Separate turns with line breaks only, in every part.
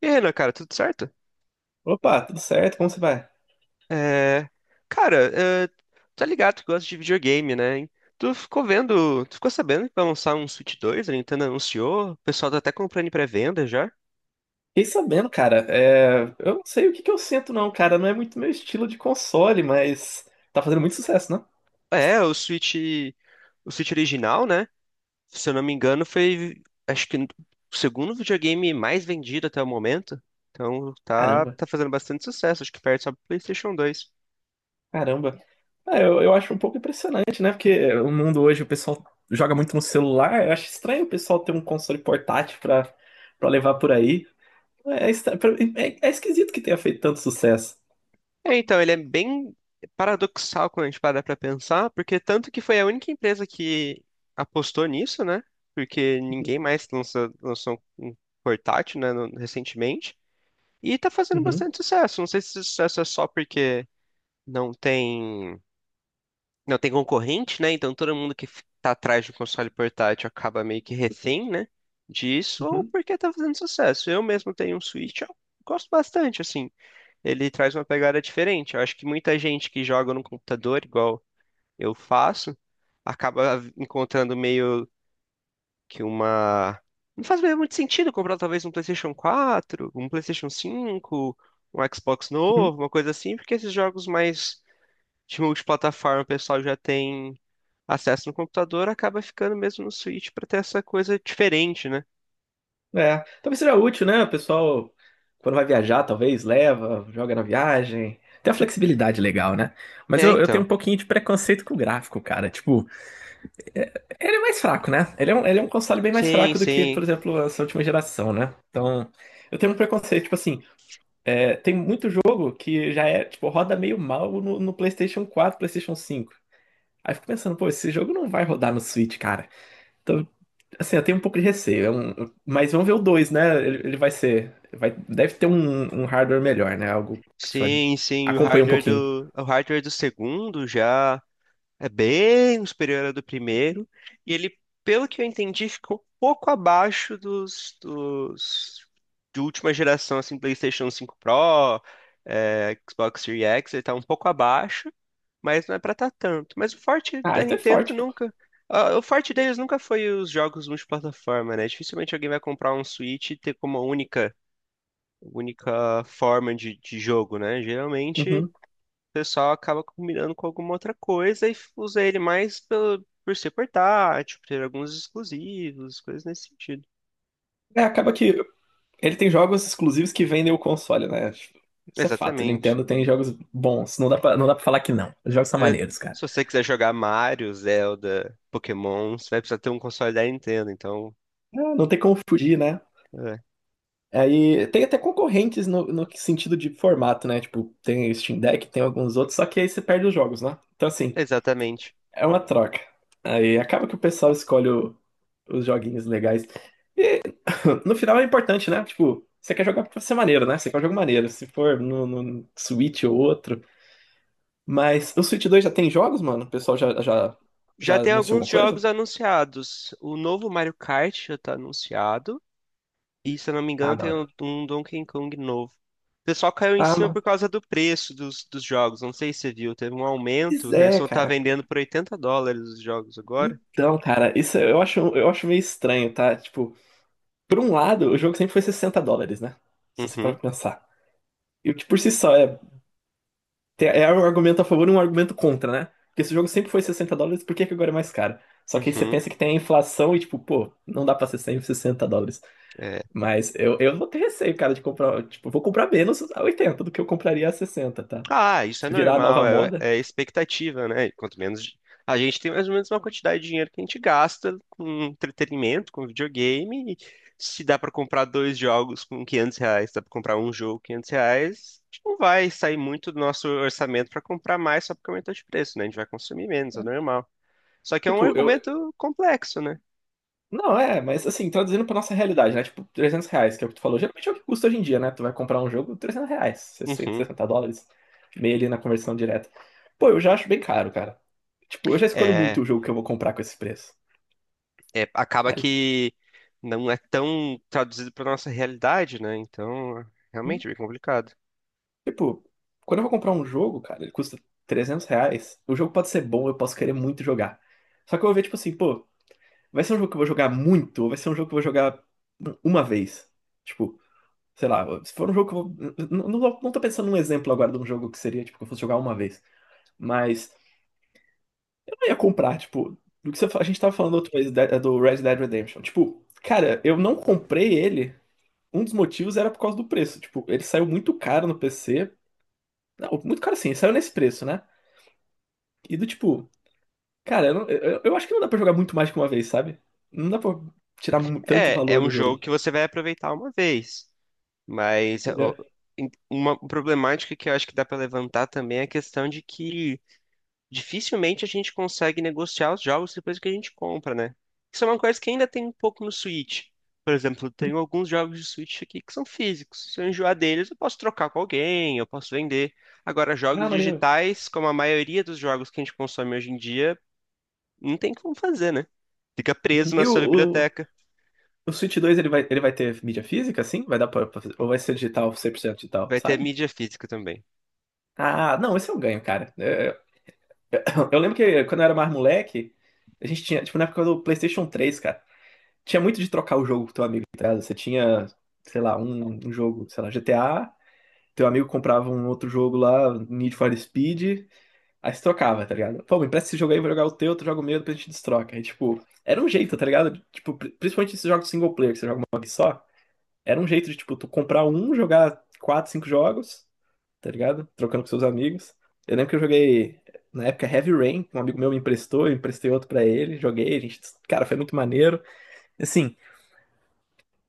E aí, Renan, cara, tudo certo?
Opa, tudo certo? Como você vai?
É... Cara, é... tá ligado que gosta de videogame, né? Hein? Tu ficou sabendo que vai lançar um Switch 2? A Nintendo anunciou, o pessoal tá até comprando em pré-venda já.
Fiquei sabendo, cara. Eu não sei o que que eu sinto, não, cara. Não é muito meu estilo de console, mas tá fazendo muito sucesso, né?
É, o Switch original, né? Se eu não me engano, foi, acho que o segundo videogame mais vendido até o momento. Então tá,
Caramba,
tá fazendo bastante sucesso, acho que perde só pro PlayStation dois.
caramba. Ah, eu acho um pouco impressionante, né? Porque o mundo hoje, o pessoal joga muito no celular. Eu acho estranho o pessoal ter um console portátil pra levar por aí. É, é estra- pra- é esquisito que tenha feito tanto sucesso.
É, então, ele é bem paradoxal quando a gente para pra pensar, porque tanto que foi a única empresa que apostou nisso, né? Porque ninguém mais lançou um portátil, né, recentemente. E tá fazendo
Uhum,
bastante sucesso. Não sei se esse sucesso é só porque não tem, não tem concorrente, né? Então todo mundo que tá atrás de um console portátil acaba meio que refém, né? Disso, ou
uhum.
porque tá fazendo sucesso. Eu mesmo tenho um Switch, eu gosto bastante, assim, ele traz uma pegada diferente. Eu acho que muita gente que joga no computador, igual eu faço, acaba encontrando meio que uma. Não faz meio muito sentido comprar talvez um PlayStation quatro, um PlayStation cinco, um Xbox
Uhum.
novo, uma coisa assim, porque esses jogos mais de multiplataforma o pessoal já tem acesso no computador, acaba ficando mesmo no Switch para ter essa coisa diferente, né?
É, talvez seja útil, né? O pessoal, quando vai viajar, talvez leva, joga na viagem. Tem a flexibilidade legal, né? Mas
É,
eu tenho
então.
um pouquinho de preconceito com o gráfico, cara. Tipo, ele é mais fraco, né? Ele é um console bem mais
Sim,
fraco do que, por
sim.
exemplo, essa última geração, né? Então, eu tenho um preconceito. Tipo assim, tem muito jogo que já é, tipo, roda meio mal no PlayStation 4, PlayStation 5. Aí eu fico pensando, pô, esse jogo não vai rodar no Switch, cara. Então, assim, eu tenho um pouco de receio. Mas vamos ver o dois, né? Ele vai ser. Deve ter um hardware melhor, né? Algo que só
Sim, sim,
acompanha um pouquinho.
o hardware do segundo já é bem superior ao do primeiro. E ele, pelo que eu entendi, ficou um pouco abaixo dos de última geração, assim, PlayStation cinco Pro, Xbox Series X, ele tá um pouco abaixo, mas não é pra tá tanto. Mas o forte
Ah,
da
então é
Nintendo
forte, pô.
nunca. O forte deles nunca foi os jogos multiplataforma, né? Dificilmente alguém vai comprar um Switch e ter como única forma de jogo, né? Geralmente o
Uhum.
pessoal acaba combinando com alguma outra coisa e usa ele mais pelo, por ser portátil, por ter alguns exclusivos, coisas nesse sentido.
É, acaba que ele tem jogos exclusivos que vendem o console, né? Tipo, isso é fato. O
Exatamente.
Nintendo tem jogos bons. Não dá pra falar que não. Os jogos são
Pra-
maneiros, cara.
Se você quiser jogar Mario, Zelda, Pokémon, você vai precisar ter um console da Nintendo, então.
Ah, não tem como fugir, né?
É,
Aí tem até concorrentes no sentido de formato, né? Tipo, tem o Steam Deck, tem alguns outros, só que aí você perde os jogos, né? Então, assim.
exatamente.
É uma troca. Aí acaba que o pessoal escolhe os joguinhos legais. No final é importante, né? Tipo, você quer jogar pra ser maneiro, né? Você quer um jogo maneiro. Se for no Switch ou outro. Mas o Switch 2 já tem jogos, mano? O pessoal já, já,
Já
já
tem
anunciou
alguns
alguma
jogos
coisa?
anunciados. O novo Mario Kart já tá anunciado. E se eu não me
Ah,
engano,
da
tem
hora.
um Donkey Kong novo. O pessoal caiu em
Ah,
cima por
mano.
causa do preço dos jogos. Não sei se você viu, teve um
Pois
aumento. Ele
é,
só tá
cara.
vendendo por 80 dólares os jogos agora.
Então, cara, isso eu acho meio estranho, tá? Tipo, por um lado, o jogo sempre foi US$ 60, né? Se você parar
Uhum,
pra pensar. E o que por si só é. É um argumento a favor e um argumento contra, né? Porque esse jogo sempre foi US$ 60, por que que agora é mais caro? Só que aí você
uhum.
pensa que tem a inflação e, tipo, pô, não dá pra ser 100, US$ 60.
É,
Mas eu vou ter receio, cara, de comprar. Tipo, eu vou comprar menos a 80 do que eu compraria a 60, tá?
Ah, isso é
Se virar a nova
normal,
moda,
é expectativa, né? Quanto menos a gente tem mais ou menos uma quantidade de dinheiro que a gente gasta com entretenimento, com videogame. E se dá pra comprar dois jogos com R$ 500, dá pra comprar um jogo com R$ 500, a gente não vai sair muito do nosso orçamento pra comprar mais só porque aumentou de preço, né? A gente vai consumir menos, é
né?
normal. Só que é um
Tipo, eu,
argumento complexo, né?
Não, mas assim, traduzindo pra nossa realidade, né? Tipo, R$ 300, que é o que tu falou. Geralmente é o que custa hoje em dia, né? Tu vai comprar um jogo, R$ 300, sessenta,
Uhum.
US$ 60, meio ali na conversão direta. Pô, eu já acho bem caro, cara. Tipo, eu já escolho muito
É,
o jogo que eu vou comprar com esse preço.
acaba
Aí,
que não é tão traduzido para nossa realidade, né? Então,
hum,
realmente é bem complicado.
tipo, quando eu vou comprar um jogo, cara, ele custa R$ 300. O jogo pode ser bom, eu posso querer muito jogar. Só que eu vou ver, tipo assim, pô, vai ser um jogo que eu vou jogar muito ou vai ser um jogo que eu vou jogar uma vez? Tipo, sei lá, se for um jogo que eu vou. Não, não, não tô pensando num exemplo agora de um jogo que seria, tipo, que eu fosse jogar uma vez. Mas eu não ia comprar, tipo, do que você, a gente tava falando outra vez do Red Dead Redemption. Tipo, cara, eu não comprei ele. Um dos motivos era por causa do preço. Tipo, ele saiu muito caro no PC. Não, muito caro assim, ele saiu nesse preço, né? E do tipo, cara, eu acho que não dá pra jogar muito mais que uma vez, sabe? Não dá pra tirar tanto
É, é
valor
um
do
jogo
jogo,
que você vai aproveitar uma vez, mas ó,
entendeu?
uma problemática que eu acho que dá pra levantar também é a questão de que dificilmente a gente consegue negociar os jogos depois que a gente compra, né? Isso é uma coisa que ainda tem um pouco no Switch. Por exemplo, tem alguns jogos de Switch aqui que são físicos. Se eu enjoar deles, eu posso trocar com alguém, eu posso vender. Agora,
Ah,
jogos
maneiro.
digitais, como a maioria dos jogos que a gente consome hoje em dia, não tem como fazer, né? Fica preso na sua
Eu,
biblioteca.
O Switch 2 ele vai, ter mídia física, assim? Vai dar pra ou vai ser digital, 100% digital,
Vai ter
sabe?
mídia física também.
Ah, não, esse é um ganho, cara. É, eu lembro que quando eu era mais moleque, a gente tinha, tipo, na época do PlayStation 3, cara, tinha muito de trocar o jogo com teu amigo, tá ligado? Você tinha, sei lá, um jogo, sei lá, GTA, teu amigo comprava um outro jogo lá, Need for Speed, aí se trocava, tá ligado? Pô, me empresta esse jogo aí, vou jogar o teu, tu joga o meu, depois a gente destroca. Aí, tipo, era um jeito, tá ligado? Tipo, principalmente esses jogos single player, que você joga uma vez só. Era um jeito de, tipo, tu comprar um, jogar quatro, cinco jogos, tá ligado? Trocando com seus amigos. Eu lembro que eu joguei, na época, Heavy Rain, que um amigo meu me emprestou, eu emprestei outro pra ele, joguei, a gente, cara, foi muito maneiro. Assim,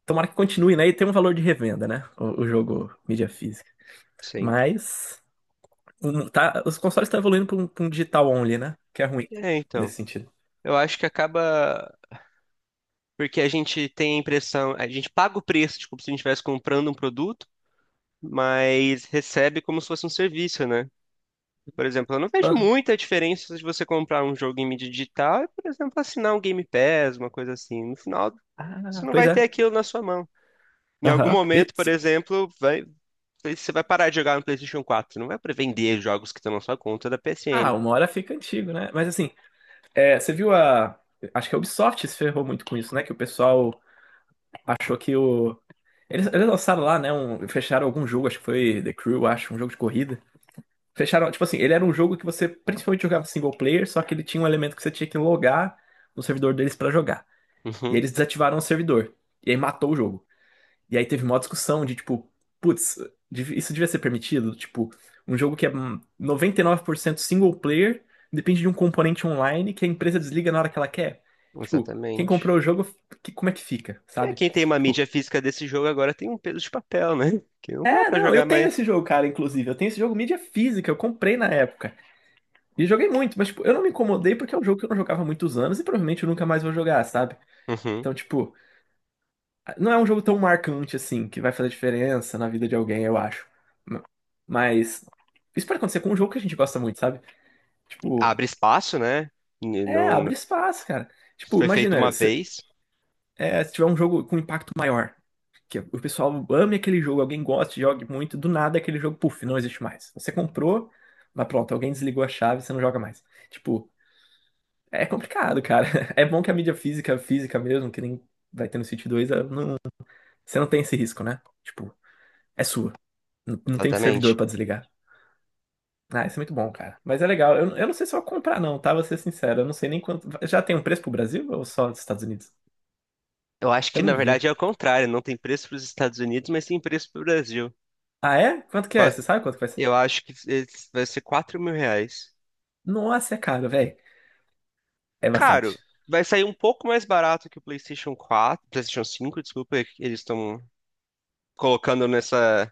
tomara que continue, né? E tem um valor de revenda, né? O jogo mídia física.
Sempre.
Mas, tá, os consoles estão evoluindo pra um digital only, né? Que é ruim,
É, então.
nesse sentido.
Eu acho que acaba porque a gente tem a impressão, a gente paga o preço, tipo, se a gente estivesse comprando um produto, mas recebe como se fosse um serviço, né? Por exemplo, eu não vejo muita diferença de você comprar um jogo em mídia digital e, por exemplo, assinar um Game Pass, uma coisa assim. No final, você
Ah,
não
pois
vai ter
é.
aquilo na sua mão. Em algum
Aham.
momento, por exemplo, você vai parar de jogar no PlayStation 4. Não vai para vender jogos que estão na sua conta da
Ah,
PSN.
uma hora fica antigo, né? Mas assim, você viu a. Acho que a Ubisoft se ferrou muito com isso, né? Que o pessoal achou que o. Eles lançaram lá, né? Fecharam algum jogo, acho que foi The Crew, acho, um jogo de corrida. Fecharam, tipo assim, ele era um jogo que você principalmente jogava single player, só que ele tinha um elemento que você tinha que logar no servidor deles pra jogar. E aí
Uhum,
eles desativaram o servidor. E aí matou o jogo. E aí teve uma discussão de tipo, putz, isso devia ser permitido? Tipo, um jogo que é 99% single player depende de um componente online que a empresa desliga na hora que ela quer. Tipo, quem
exatamente.
comprou o jogo, como é que fica,
É,
sabe?
quem tem uma
Tipo,
mídia física desse jogo agora tem um peso de papel, né? Que não dá pra
não, eu
jogar
tenho esse
mais.
jogo, cara, inclusive. Eu tenho esse jogo mídia física, eu comprei na época. E joguei muito, mas tipo, eu não me incomodei porque é um jogo que eu não jogava há muitos anos e provavelmente eu nunca mais vou jogar, sabe?
Uhum.
Então, tipo, não é um jogo tão marcante assim, que vai fazer diferença na vida de alguém, eu acho. Mas isso pode acontecer com um jogo que a gente gosta muito, sabe? Tipo,
Abre espaço, né? E não
abre espaço, cara. Tipo,
foi feito uma
imagina, se,
vez,
é, se tiver um jogo com impacto maior, que o pessoal ame aquele jogo, alguém goste, jogue muito, do nada aquele jogo, puf, não existe mais. Você comprou, mas pronto, alguém desligou a chave, você não joga mais. Tipo, é complicado, cara. É bom que a mídia física, física mesmo, que nem vai ter no City 2, ela não, você não tem esse risco, né? Tipo, é sua. Não tem servidor
exatamente.
pra desligar. Ah, isso é muito bom, cara. Mas é legal. Eu não sei se eu vou comprar, não, tá? Vou ser sincero. Eu não sei nem quanto. Já tem um preço pro Brasil ou só dos Estados Unidos?
Eu acho que
Eu
na
não vi.
verdade é o contrário, não tem preço para os Estados Unidos, mas tem preço para o Brasil.
Ah, é? Quanto que é? Você
Quase-
sabe quanto que vai ser?
Eu acho que esse vai ser R$ 4.000.
Nossa, é caro, velho. É
Caro,
bastante.
vai sair um pouco mais barato que o PlayStation 4, PlayStation 5, desculpa, é que eles estão colocando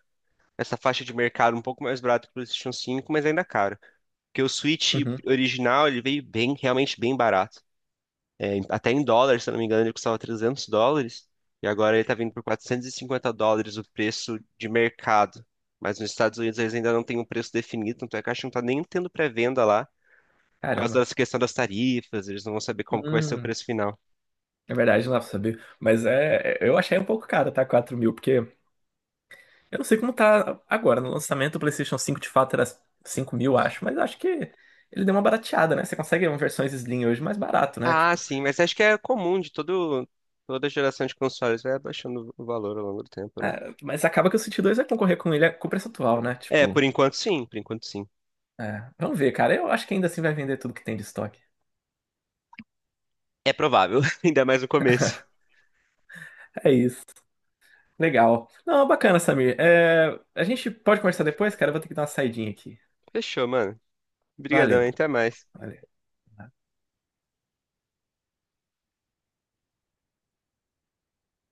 nessa faixa de mercado um pouco mais barato que o PlayStation 5, mas ainda é caro. Porque o Switch
Uhum.
original, ele veio bem, realmente bem barato. É, até em dólares, se eu não me engano, ele custava US$ 300. E agora ele tá vindo por US$ 450 o preço de mercado. Mas nos Estados Unidos eles ainda não têm um preço definido, tanto é que a Caixa não tá nem tendo pré-venda lá. Por causa
Caramba.
dessa questão das tarifas, eles não vão saber como que vai ser o
Hum,
preço final.
é verdade, não dá pra saber. Mas eu achei um pouco caro, tá? 4.000, porque eu não sei como tá agora. No lançamento, o PlayStation 5, de fato era 5.000, acho. Mas acho que ele deu uma barateada, né? Você consegue versões Slim hoje mais barato, né?
Ah,
Tipo,
sim, mas acho que é comum de todo, toda geração de consoles, vai abaixando o valor ao longo do tempo, né?
Mas acaba que o City 2 vai concorrer com ele com preço atual, né?
É,
Tipo,
por enquanto sim, por enquanto sim.
vamos ver, cara. Eu acho que ainda assim vai vender tudo que tem de estoque.
É provável, ainda mais no começo.
É isso. Legal. Não, bacana, Samir. A gente pode conversar depois, cara. Eu vou ter que dar uma saidinha aqui.
Fechou, mano. Obrigadão,
Valeu.
hein? Até mais.
Valeu.